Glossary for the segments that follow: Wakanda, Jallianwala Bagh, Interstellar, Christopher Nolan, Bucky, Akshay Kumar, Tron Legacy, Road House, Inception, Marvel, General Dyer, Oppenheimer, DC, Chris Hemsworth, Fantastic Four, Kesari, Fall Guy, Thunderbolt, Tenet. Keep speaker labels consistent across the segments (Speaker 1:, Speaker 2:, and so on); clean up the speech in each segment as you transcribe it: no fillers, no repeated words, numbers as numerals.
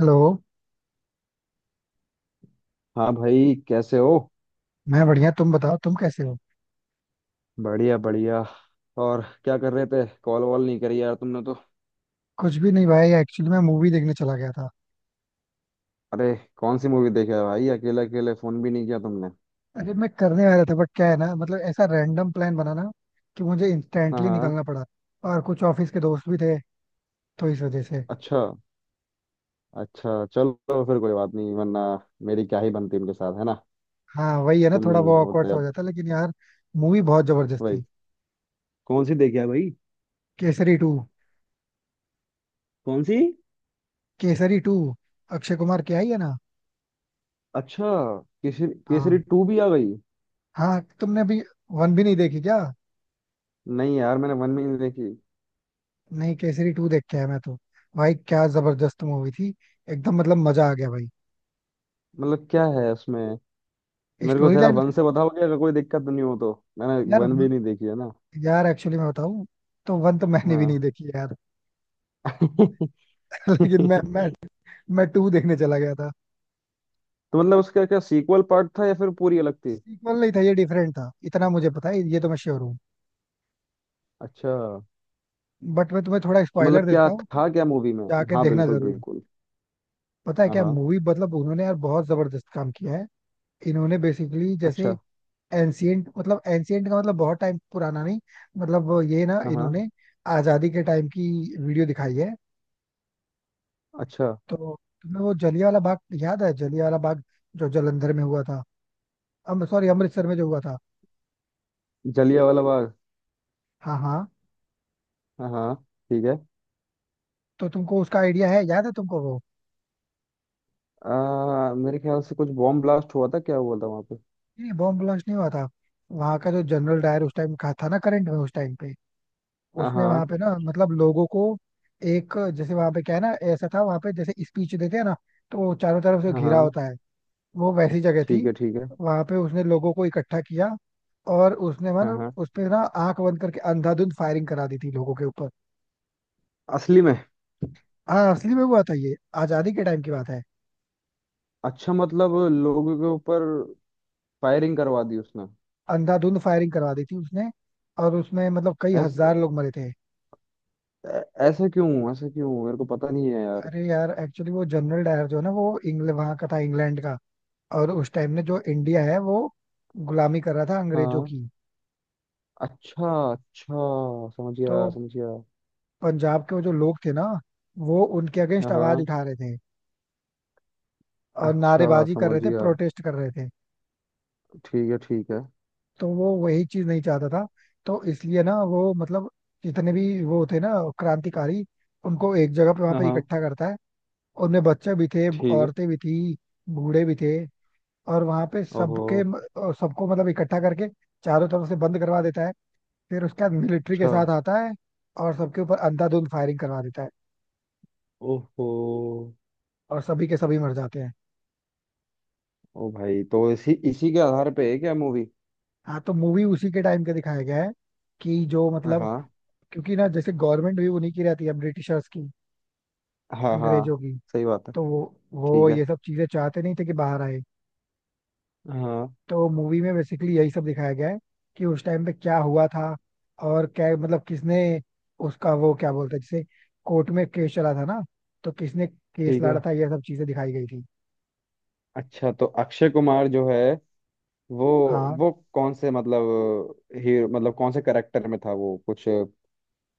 Speaker 1: Hello.
Speaker 2: हाँ भाई, कैसे हो।
Speaker 1: मैं बढ़िया। तुम बताओ तुम कैसे हो।
Speaker 2: बढ़िया बढ़िया। और क्या कर रहे थे? कॉल वॉल नहीं करी यार तुमने तो।
Speaker 1: कुछ भी नहीं भाई, एक्चुअली मैं मूवी देखने चला गया था।
Speaker 2: अरे, कौन सी मूवी देखी है भाई? अकेले अकेले फोन भी नहीं किया तुमने।
Speaker 1: अरे, मैं करने वाला था बट क्या है ना, मतलब ऐसा रैंडम प्लान बना ना कि मुझे
Speaker 2: हाँ
Speaker 1: इंस्टेंटली
Speaker 2: हाँ।
Speaker 1: निकलना पड़ा। और कुछ ऑफिस के दोस्त भी थे तो इस वजह से।
Speaker 2: अच्छा। अच्छा, चलो फिर कोई बात नहीं, वरना मेरी क्या ही बनती उनके साथ, है ना।
Speaker 1: हाँ, वही है ना,
Speaker 2: तुम
Speaker 1: थोड़ा वो awkward
Speaker 2: होते
Speaker 1: सा हो
Speaker 2: अब।
Speaker 1: जाता लेकिन यार। मूवी बहुत जबरदस्त
Speaker 2: वही।
Speaker 1: थी।
Speaker 2: कौन सी देखी है भाई?
Speaker 1: केसरी टू।
Speaker 2: कौन सी?
Speaker 1: केसरी टू। अक्षय कुमार की आई है ना।
Speaker 2: अच्छा, केसरी, केसरी
Speaker 1: हाँ
Speaker 2: टू भी आ गई।
Speaker 1: हाँ, तुमने अभी वन भी नहीं देखी क्या?
Speaker 2: नहीं यार, मैंने वन भी नहीं देखी।
Speaker 1: नहीं, केसरी टू देख के आया मैं तो। भाई क्या जबरदस्त मूवी थी। एकदम मतलब मजा आ गया भाई।
Speaker 2: मतलब क्या है उसमें? मेरे को
Speaker 1: स्टोरी
Speaker 2: जरा
Speaker 1: लाइन।
Speaker 2: वन से बताओगे, अगर कोई दिक्कत नहीं हो तो। मैंने
Speaker 1: यार
Speaker 2: वन भी
Speaker 1: वन,
Speaker 2: नहीं देखी है ना।
Speaker 1: यार एक्चुअली मैं बताऊं तो वन तो मैंने भी
Speaker 2: हाँ।
Speaker 1: नहीं देखी यार।
Speaker 2: तो
Speaker 1: लेकिन मैं टू देखने चला गया था।
Speaker 2: मतलब उसका क्या, सीक्वल पार्ट था या फिर पूरी अलग थी?
Speaker 1: सीक्वल नहीं था, ये डिफरेंट था, इतना मुझे पता है, ये तो मैं श्योर हूँ।
Speaker 2: अच्छा।
Speaker 1: बट मैं तुम्हें थोड़ा
Speaker 2: तो
Speaker 1: स्पॉइलर
Speaker 2: मतलब क्या
Speaker 1: देता हूँ, तुम
Speaker 2: था क्या मूवी में?
Speaker 1: जाके
Speaker 2: हाँ
Speaker 1: देखना
Speaker 2: बिल्कुल
Speaker 1: जरूर।
Speaker 2: बिल्कुल।
Speaker 1: पता है
Speaker 2: हाँ
Speaker 1: क्या
Speaker 2: हाँ।
Speaker 1: मूवी, मतलब उन्होंने यार बहुत जबरदस्त काम किया है। इन्होंने बेसिकली जैसे
Speaker 2: अच्छा।
Speaker 1: एंशियंट, मतलब एंशियंट का मतलब बहुत टाइम पुराना नहीं। मतलब वो ये ना,
Speaker 2: हाँ हाँ।
Speaker 1: इन्होंने आजादी के टाइम की वीडियो दिखाई है।
Speaker 2: अच्छा।
Speaker 1: तो तुम्हें वो जलिया वाला बाग याद है, जलिया वाला बाग जो जलंधर में हुआ था, अम सॉरी अमृतसर में जो हुआ था।
Speaker 2: जलिया वाला बाग।
Speaker 1: हाँ हाँ,
Speaker 2: हाँ हाँ। ठीक है।
Speaker 1: तो तुमको उसका आइडिया है, याद है तुमको वो।
Speaker 2: मेरे ख्याल से कुछ बॉम्ब ब्लास्ट हुआ था, क्या हुआ था वहाँ पे?
Speaker 1: नहीं, बॉम्ब ब्लास्ट नहीं हुआ था। वहां का जो जनरल डायर उस टाइम का था ना, करंट में उस टाइम पे
Speaker 2: हाँ
Speaker 1: उसने
Speaker 2: हाँ।
Speaker 1: वहां पे ना, मतलब लोगों को। एक जैसे वहां पे क्या है ना, ऐसा था वहां पे, जैसे स्पीच देते हैं ना तो वो चारों तरफ से
Speaker 2: हाँ
Speaker 1: घिरा
Speaker 2: हाँ।
Speaker 1: होता है। वो वैसी जगह
Speaker 2: ठीक
Speaker 1: थी।
Speaker 2: है ठीक है।
Speaker 1: वहां पे उसने लोगों को इकट्ठा किया, और उसने
Speaker 2: हाँ
Speaker 1: मतलब
Speaker 2: हाँ।
Speaker 1: उस पे ना आंख बंद करके अंधाधुंध फायरिंग करा दी थी लोगों के ऊपर।
Speaker 2: असली में?
Speaker 1: हाँ, असली में हुआ था ये, आजादी के टाइम की बात है।
Speaker 2: अच्छा, मतलब लोगों के ऊपर फायरिंग करवा दी उसने।
Speaker 1: अंधाधुंध फायरिंग करवा दी थी उसने, और उसमें मतलब कई
Speaker 2: ऐस,
Speaker 1: हजार लोग मरे थे।
Speaker 2: ऐ- ऐसा क्यों, ऐसा क्यों? मेरे को पता नहीं है यार।
Speaker 1: अरे यार एक्चुअली वो जनरल डायर जो है ना, वो इंग्लैंड वहां का था, इंग्लैंड का। और उस टाइम में जो इंडिया है वो गुलामी कर रहा था अंग्रेजों
Speaker 2: हाँ।
Speaker 1: की।
Speaker 2: अच्छा अच्छा, समझ
Speaker 1: तो
Speaker 2: गया समझ गया।
Speaker 1: पंजाब के वो जो लोग थे ना, वो उनके
Speaker 2: हाँ
Speaker 1: अगेंस्ट आवाज
Speaker 2: हाँ।
Speaker 1: उठा रहे थे, और
Speaker 2: अच्छा
Speaker 1: नारेबाजी कर
Speaker 2: समझ
Speaker 1: रहे थे,
Speaker 2: गया।
Speaker 1: प्रोटेस्ट कर रहे थे।
Speaker 2: ठीक है ठीक है।
Speaker 1: तो वो वही चीज नहीं चाहता था, तो इसलिए ना वो मतलब जितने भी वो थे ना, क्रांतिकारी, उनको एक जगह पे वहां
Speaker 2: हाँ
Speaker 1: पे
Speaker 2: हाँ।
Speaker 1: इकट्ठा करता है। उनमें बच्चे भी थे,
Speaker 2: ठीक है।
Speaker 1: औरतें भी थी, बूढ़े भी थे और वहां पे
Speaker 2: ओहो।
Speaker 1: सबके, और सबको मतलब इकट्ठा करके चारों तरफ से बंद करवा देता है। फिर उसके बाद मिलिट्री के
Speaker 2: अच्छा।
Speaker 1: साथ आता है, और सबके ऊपर अंधाधुंध फायरिंग करवा देता है,
Speaker 2: ओहो।
Speaker 1: और सभी के सभी मर जाते हैं।
Speaker 2: ओ भाई, तो इसी इसी के आधार पे है क्या मूवी?
Speaker 1: हाँ, तो मूवी उसी के टाइम का दिखाया गया है, कि जो
Speaker 2: हाँ
Speaker 1: मतलब,
Speaker 2: हाँ।
Speaker 1: क्योंकि ना जैसे गवर्नमेंट भी उन्हीं की रहती है ब्रिटिशर्स की,
Speaker 2: हाँ हाँ।
Speaker 1: अंग्रेजों की।
Speaker 2: सही बात है।
Speaker 1: तो वो
Speaker 2: ठीक है।
Speaker 1: ये सब चीजें चाहते नहीं थे कि बाहर आए।
Speaker 2: हाँ हाँ।
Speaker 1: तो मूवी में बेसिकली यही सब दिखाया गया है कि उस टाइम पे क्या हुआ था और क्या मतलब किसने उसका, वो क्या बोलते हैं जैसे, कोर्ट में केस चला था ना, तो किसने केस
Speaker 2: ठीक
Speaker 1: लड़ा
Speaker 2: है।
Speaker 1: था ये सब चीजें दिखाई गई थी।
Speaker 2: अच्छा, तो अक्षय कुमार जो है वो
Speaker 1: हाँ
Speaker 2: वो कौन से मतलब, हीरो मतलब कौन से करेक्टर में था वो कुछ?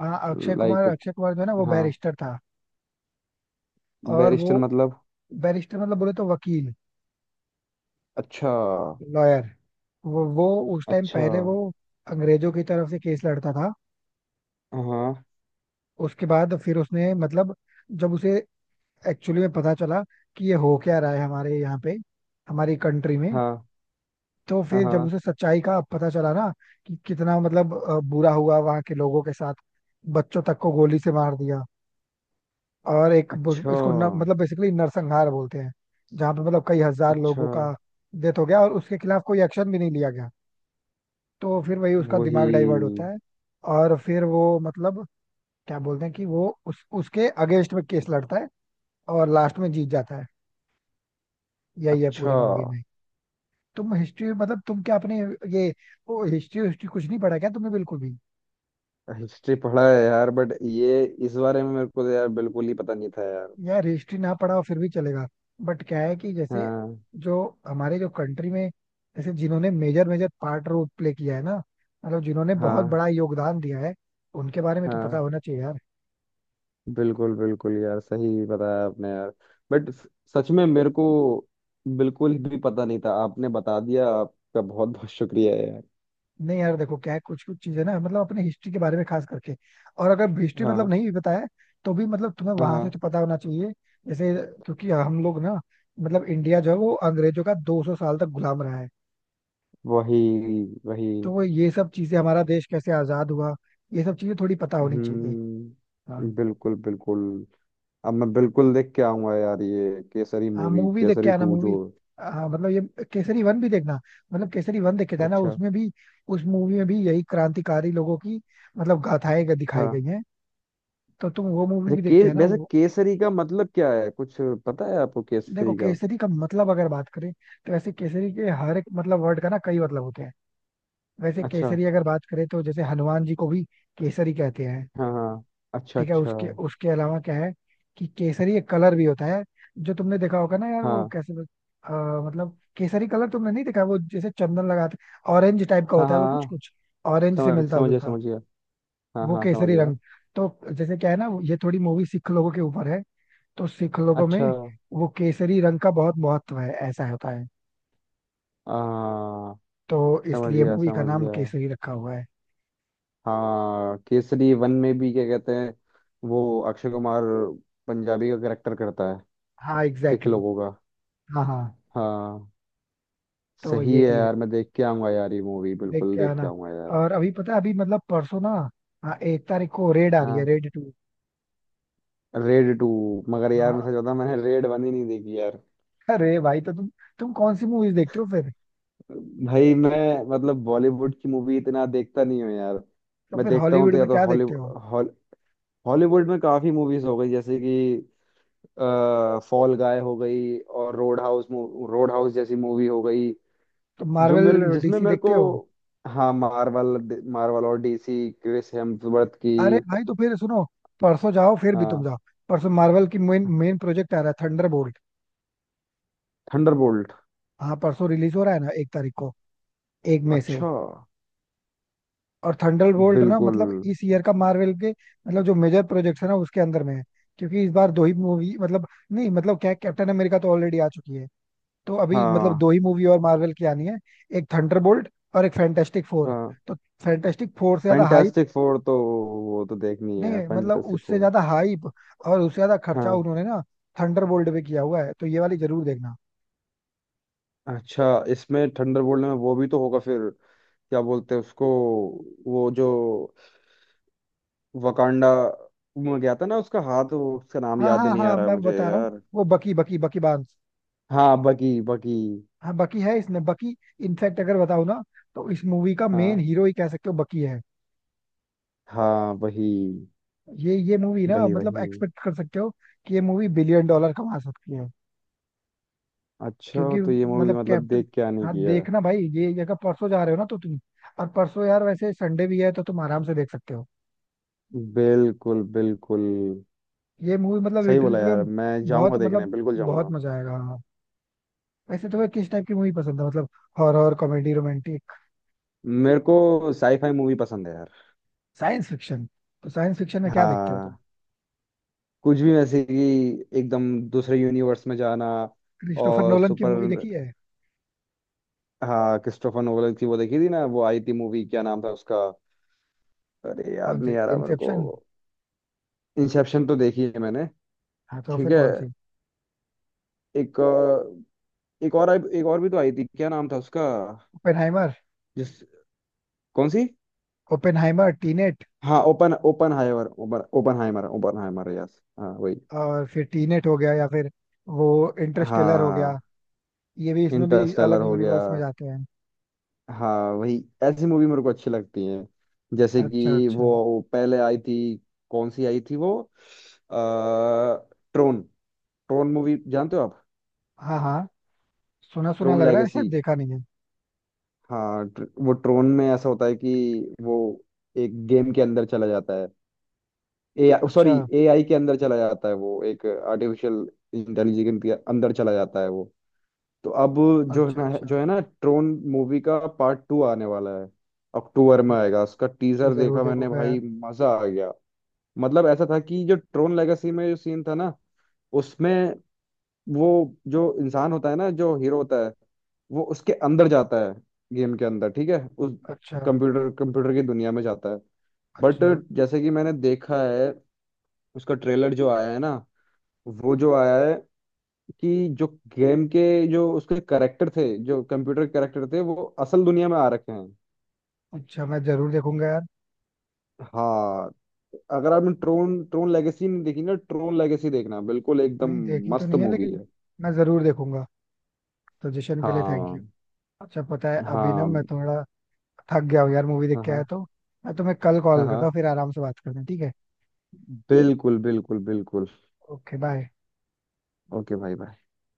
Speaker 1: हाँ, अक्षय कुमार,
Speaker 2: लाइक।
Speaker 1: अक्षय कुमार जो है ना वो
Speaker 2: हाँ।
Speaker 1: बैरिस्टर था। और
Speaker 2: बैरिस्टर
Speaker 1: वो
Speaker 2: मतलब?
Speaker 1: बैरिस्टर मतलब बोले तो वकील,
Speaker 2: अच्छा।
Speaker 1: लॉयर। वो उस टाइम
Speaker 2: अच्छा।
Speaker 1: पहले वो अंग्रेजों की तरफ से केस लड़ता था।
Speaker 2: हाँ
Speaker 1: उसके बाद फिर उसने मतलब, जब उसे एक्चुअली में पता चला कि ये हो क्या रहा है हमारे यहाँ पे, हमारी कंट्री में।
Speaker 2: हाँ।
Speaker 1: तो
Speaker 2: हाँ
Speaker 1: फिर जब
Speaker 2: हाँ।
Speaker 1: उसे सच्चाई का पता चला ना, कि कितना मतलब बुरा हुआ वहां के लोगों के साथ। बच्चों तक को गोली से मार दिया, और एक
Speaker 2: अच्छा
Speaker 1: इसको न, मतलब बेसिकली नरसंहार बोलते हैं। जहाँ पे मतलब कई हजार
Speaker 2: अच्छा।
Speaker 1: लोगों का डेथ हो गया, और उसके खिलाफ कोई एक्शन भी नहीं लिया गया। तो फिर वही उसका दिमाग डाइवर्ट होता
Speaker 2: वही।
Speaker 1: है। और फिर वो मतलब क्या बोलते हैं कि वो उस उसके अगेंस्ट में केस लड़ता है, और लास्ट में जीत जाता है। यही है
Speaker 2: अच्छा।
Speaker 1: पूरी मूवी में। तुम हिस्ट्री मतलब तुम क्या अपने, ये वो, हिस्ट्री हिस्ट्री कुछ नहीं पढ़ा क्या तुमने, बिल्कुल भी?
Speaker 2: हिस्ट्री पढ़ा है यार, बट ये इस बारे में मेरे को तो यार बिल्कुल ही पता नहीं था यार।
Speaker 1: यार हिस्ट्री ना पढ़ा हो फिर भी चलेगा, बट क्या है कि जैसे,
Speaker 2: हाँ।
Speaker 1: जो हमारे जो कंट्री में, जैसे जिन्होंने major major part role play किया है ना, मतलब जिन्होंने बहुत
Speaker 2: हाँ
Speaker 1: बड़ा योगदान दिया है, उनके बारे में तो पता
Speaker 2: हाँ।
Speaker 1: होना चाहिए यार।
Speaker 2: बिल्कुल बिल्कुल यार, सही बताया आपने यार। बट सच में मेरे को बिल्कुल भी पता नहीं था। आपने बता दिया, आपका बहुत बहुत शुक्रिया यार।
Speaker 1: नहीं यार देखो क्या है, कुछ कुछ चीजें ना मतलब अपने हिस्ट्री के बारे में खास करके। और अगर हिस्ट्री मतलब
Speaker 2: हाँ
Speaker 1: नहीं भी बताया तो भी मतलब तुम्हें
Speaker 2: हाँ।
Speaker 1: वहां से तो
Speaker 2: हाँ।
Speaker 1: पता होना चाहिए, जैसे। क्योंकि हम लोग ना मतलब इंडिया जो है वो अंग्रेजों का 200 साल तक गुलाम रहा है।
Speaker 2: वही वही।
Speaker 1: तो वो ये सब चीजें, हमारा देश कैसे आजाद हुआ, ये सब चीजें थोड़ी पता होनी चाहिए। हाँ,
Speaker 2: हम्म, बिल्कुल बिल्कुल। अब मैं बिल्कुल देख के आऊंगा यार ये केसरी
Speaker 1: हाँ
Speaker 2: मूवी,
Speaker 1: मूवी देख के
Speaker 2: केसरी
Speaker 1: आना,
Speaker 2: टू जो।
Speaker 1: मूवी। हाँ मतलब ये, केसरी वन भी देखना, मतलब केसरी वन देख के जाना,
Speaker 2: अच्छा।
Speaker 1: उसमें भी। उस मूवी में भी यही क्रांतिकारी लोगों की मतलब गाथाएं दिखाई
Speaker 2: हाँ।
Speaker 1: गई हैं। तो तुम वो मूवी
Speaker 2: अच्छा
Speaker 1: भी देख
Speaker 2: के,
Speaker 1: के आना,
Speaker 2: वैसे
Speaker 1: वो।
Speaker 2: केसरी का मतलब क्या है कुछ, पता है आपको
Speaker 1: देखो
Speaker 2: केसरी का?
Speaker 1: केसरी का मतलब अगर बात करें तो, वैसे केसरी के हर एक मतलब वर्ड का ना कई मतलब होते हैं। वैसे
Speaker 2: अच्छा।
Speaker 1: केसरी अगर बात करें तो, जैसे हनुमान जी को भी केसरी कहते हैं।
Speaker 2: हाँ हाँ। अच्छा
Speaker 1: ठीक है,
Speaker 2: अच्छा।
Speaker 1: उसके उसके अलावा क्या है कि केसरी एक कलर भी होता है। जो तुमने देखा होगा ना यार, वो
Speaker 2: हाँ
Speaker 1: कैसे अ, मतलब केसरी कलर तुमने नहीं देखा, वो जैसे चंदन लगाते ऑरेंज टाइप का
Speaker 2: हाँ।
Speaker 1: होता है
Speaker 2: हाँ
Speaker 1: वो कुछ
Speaker 2: हाँ।
Speaker 1: कुछ, ऑरेंज से
Speaker 2: समझ
Speaker 1: मिलता
Speaker 2: समझ गया
Speaker 1: जुलता।
Speaker 2: समझ गया। हाँ
Speaker 1: वो
Speaker 2: हाँ समझ
Speaker 1: केसरी
Speaker 2: गया।
Speaker 1: रंग, तो जैसे क्या है ना ये थोड़ी मूवी सिख लोगों के ऊपर है, तो सिख लोगों में
Speaker 2: अच्छा।
Speaker 1: वो केसरी रंग का बहुत महत्व है, ऐसा होता है।
Speaker 2: आ,
Speaker 1: तो
Speaker 2: समझ
Speaker 1: इसलिए
Speaker 2: गया
Speaker 1: मूवी का
Speaker 2: समझ
Speaker 1: नाम
Speaker 2: गया।
Speaker 1: केसरी रखा हुआ है।
Speaker 2: हाँ, केसरी वन में भी क्या कहते हैं, वो अक्षय कुमार पंजाबी का करेक्टर करता है?
Speaker 1: हाँ
Speaker 2: सिख
Speaker 1: एग्जैक्टली
Speaker 2: लोगों
Speaker 1: exactly।
Speaker 2: का?
Speaker 1: हाँ हाँ,
Speaker 2: हाँ।
Speaker 1: तो
Speaker 2: सही
Speaker 1: ये
Speaker 2: है
Speaker 1: भी है।
Speaker 2: यार, मैं देख के आऊंगा यार ये मूवी,
Speaker 1: देख
Speaker 2: बिल्कुल
Speaker 1: के
Speaker 2: देख के
Speaker 1: आना।
Speaker 2: आऊंगा यार।
Speaker 1: और अभी पता है अभी मतलब परसों ना, हाँ, एक तारीख को रेड आ रही है,
Speaker 2: हाँ।
Speaker 1: Red two.
Speaker 2: Red two? मगर यार
Speaker 1: हाँ।
Speaker 2: मैं सच बताऊं, मैंने रेड वन ही नहीं देखी यार।
Speaker 1: अरे भाई तो तुम कौन सी मूवीज देखते हो फिर?
Speaker 2: भाई मैं, मतलब बॉलीवुड की मूवी इतना देखता नहीं हूँ यार।
Speaker 1: तो
Speaker 2: मैं
Speaker 1: फिर
Speaker 2: देखता हूँ
Speaker 1: हॉलीवुड
Speaker 2: तो या
Speaker 1: में
Speaker 2: तो
Speaker 1: क्या देखते हो?
Speaker 2: हॉलीवुड, हॉलीवुड में काफी मूवीज हो गई, जैसे कि फॉल गाय हो गई और रोड हाउस, रोड हाउस जैसी मूवी हो गई,
Speaker 1: तुम
Speaker 2: जो मेरे,
Speaker 1: मार्वल
Speaker 2: जिसमें
Speaker 1: डीसी
Speaker 2: मेरे
Speaker 1: देखते
Speaker 2: को।
Speaker 1: हो?
Speaker 2: हाँ मार्वल, मार्वल और डीसी, क्रिस हेम्सवर्थ की।
Speaker 1: अरे भाई तो फिर सुनो, परसों जाओ, फिर भी तुम
Speaker 2: हाँ।
Speaker 1: जाओ, परसों मार्वल की मेन मेन प्रोजेक्ट आ रहा है, थंडरबोल्ट।
Speaker 2: थंडरबोल्ट।
Speaker 1: हाँ परसों रिलीज हो रहा है ना, एक तारीख को, एक मई से।
Speaker 2: अच्छा।
Speaker 1: और थंडरबोल्ट ना
Speaker 2: बिल्कुल।
Speaker 1: मतलब इस ईयर का मार्वल के मतलब जो मेजर प्रोजेक्ट है ना उसके अंदर में है। क्योंकि इस बार दो ही मूवी मतलब, नहीं मतलब क्या, कैप्टन अमेरिका तो ऑलरेडी आ चुकी है। तो अभी मतलब
Speaker 2: हाँ।
Speaker 1: दो ही मूवी और मार्वल की आनी है, एक थंडरबोल्ट और एक फैंटास्टिक फोर।
Speaker 2: हाँ
Speaker 1: तो फैंटास्टिक फोर से ज्यादा हाइप
Speaker 2: फैंटास्टिक फोर तो, वो तो देखनी
Speaker 1: नहीं
Speaker 2: है
Speaker 1: है, मतलब
Speaker 2: फैंटास्टिक
Speaker 1: उससे
Speaker 2: फोर।
Speaker 1: ज्यादा हाइप और उससे ज्यादा खर्चा
Speaker 2: हाँ।
Speaker 1: उन्होंने ना थंडरबोल्ट पे किया हुआ है, तो ये वाली जरूर देखना।
Speaker 2: अच्छा इसमें, थंडरबोल्ट में वो भी तो होगा फिर, क्या बोलते हैं उसको, वो जो वकांडा में गया था ना, उसका हाथ, वो उसका नाम
Speaker 1: हाँ
Speaker 2: याद
Speaker 1: हाँ
Speaker 2: नहीं आ
Speaker 1: हाँ
Speaker 2: रहा है
Speaker 1: मैं
Speaker 2: मुझे
Speaker 1: बता रहा हूँ,
Speaker 2: यार।
Speaker 1: वो बकी बकी बकी बांस।
Speaker 2: हाँ बकी बकी।
Speaker 1: हाँ बकी है इसमें, बकी। इनफैक्ट अगर बताऊँ ना, तो इस मूवी का
Speaker 2: हाँ
Speaker 1: मेन हीरो ही कह सकते हो, बकी है।
Speaker 2: हाँ वही।
Speaker 1: ये मूवी ना
Speaker 2: वही
Speaker 1: मतलब
Speaker 2: वही।
Speaker 1: एक्सपेक्ट कर सकते हो कि ये मूवी बिलियन डॉलर कमा सकती है।
Speaker 2: अच्छा
Speaker 1: क्योंकि
Speaker 2: तो ये मूवी
Speaker 1: मतलब
Speaker 2: मतलब
Speaker 1: कैप्टन,
Speaker 2: देख के आने
Speaker 1: हाँ
Speaker 2: की है।
Speaker 1: देखना भाई, ये अगर परसों जा रहे हो ना तो तुम, और परसों यार वैसे संडे भी है तो तुम आराम से देख सकते हो।
Speaker 2: बिल्कुल बिल्कुल।
Speaker 1: ये मूवी मतलब
Speaker 2: सही
Speaker 1: लिटरली
Speaker 2: बोला
Speaker 1: तुम्हें,
Speaker 2: यार, मैं
Speaker 1: बहुत
Speaker 2: जाऊंगा देखने,
Speaker 1: मतलब
Speaker 2: बिल्कुल
Speaker 1: बहुत
Speaker 2: जाऊंगा।
Speaker 1: मजा आएगा, हाँ। वैसे तुम्हें किस टाइप की मूवी पसंद है, मतलब हॉरर, कॉमेडी, रोमांटिक?
Speaker 2: मेरे को साईफाई मूवी पसंद है यार।
Speaker 1: Science fiction? तो साइंस फिक्शन में क्या देखते हो तुम?
Speaker 2: हाँ। कुछ भी, वैसे कि एकदम दूसरे यूनिवर्स में जाना।
Speaker 1: क्रिस्टोफर
Speaker 2: और
Speaker 1: नोलन की
Speaker 2: सुपर।
Speaker 1: मूवी देखी है?
Speaker 2: हाँ, क्रिस्टोफर नोलन की वो देखी थी ना, वो आई थी मूवी, क्या नाम था उसका? अरे
Speaker 1: कौन
Speaker 2: याद
Speaker 1: सी?
Speaker 2: नहीं आ रहा मेरे को।
Speaker 1: इंसेप्शन?
Speaker 2: इंसेप्शन तो देखी है मैंने।
Speaker 1: हाँ तो
Speaker 2: ठीक
Speaker 1: फिर
Speaker 2: है।
Speaker 1: कौन सी?
Speaker 2: एक एक और एक और भी तो आई थी, क्या नाम था उसका?
Speaker 1: ओपेनहाइमर?
Speaker 2: जिस, कौन सी?
Speaker 1: Oppenheimer Tenet?
Speaker 2: हाँ open Oppenheimer, open Oppenheimer, Oppenheimer, yes हाँ वही।
Speaker 1: और फिर टीनेट हो गया या फिर वो इंटरस्टेलर हो
Speaker 2: हाँ।
Speaker 1: गया, ये भी, इसमें भी
Speaker 2: इंटरस्टेलर
Speaker 1: अलग
Speaker 2: हो गया।
Speaker 1: यूनिवर्स में जाते हैं।
Speaker 2: हाँ वही। ऐसी मूवी मेरे को अच्छी लगती हैं। जैसे
Speaker 1: अच्छा
Speaker 2: कि
Speaker 1: अच्छा,
Speaker 2: वो पहले आई थी, कौन सी आई थी वो, आ, ट्रोन। ट्रोन मूवी जानते हो आप?
Speaker 1: हाँ हाँ सुना सुना
Speaker 2: ट्रोन
Speaker 1: लग रहा है, शायद
Speaker 2: लेगेसी।
Speaker 1: देखा नहीं है।
Speaker 2: हाँ, वो ट्रोन में ऐसा होता है कि वो एक गेम के अंदर चला जाता है। ए सॉरी,
Speaker 1: अच्छा
Speaker 2: एआई के अंदर चला जाता है वो, एक आर्टिफिशियल इंटेलिजेंस के अंदर चला जाता है वो। तो अब जो है
Speaker 1: अच्छा।
Speaker 2: ना
Speaker 1: अच्छा
Speaker 2: जो है ना ट्रोन मूवी का पार्ट टू आने वाला है। अक्टूबर
Speaker 1: अच्छा
Speaker 2: में आएगा, उसका
Speaker 1: मैं
Speaker 2: टीजर
Speaker 1: जरूर
Speaker 2: देखा मैंने,
Speaker 1: देखूंगा यार।
Speaker 2: भाई मजा आ गया। मतलब ऐसा था कि जो ट्रोन लेगेसी में जो सीन था ना, उसमें वो जो इंसान होता है ना, जो हीरो होता है, वो उसके अंदर जाता है, गेम के अंदर। ठीक है। उस
Speaker 1: अच्छा
Speaker 2: कंप्यूटर, कंप्यूटर की दुनिया में जाता है। बट
Speaker 1: अच्छा।
Speaker 2: जैसे कि मैंने देखा है, उसका ट्रेलर जो आया है ना, वो जो आया है, कि जो गेम के, जो उसके करेक्टर थे, जो कंप्यूटर करेक्टर थे, वो असल दुनिया में आ रखे हैं।
Speaker 1: अच्छा मैं जरूर देखूंगा यार।
Speaker 2: हाँ। अगर आपने ट्रोन, ट्रोन लेगेसी नहीं देखी ना, ट्रोन लेगेसी देखना, बिल्कुल एकदम
Speaker 1: नहीं देखी तो
Speaker 2: मस्त
Speaker 1: नहीं है
Speaker 2: मूवी
Speaker 1: लेकिन
Speaker 2: है।
Speaker 1: मैं जरूर देखूंगा। सजेशन के लिए थैंक
Speaker 2: हाँ
Speaker 1: यू। अच्छा पता है अभी ना,
Speaker 2: हाँ
Speaker 1: मैं थोड़ा थक गया हूँ यार, मूवी देख
Speaker 2: हाँ।
Speaker 1: के आया
Speaker 2: हाँ
Speaker 1: तो। मैं तुम्हें कल
Speaker 2: हाँ
Speaker 1: कॉल
Speaker 2: हाँ।
Speaker 1: करता हूँ,
Speaker 2: हाँ।
Speaker 1: फिर आराम से बात करते हैं, ठीक है?
Speaker 2: बिल्कुल बिल्कुल बिल्कुल।
Speaker 1: Okay bye.
Speaker 2: ओके भाई भाई।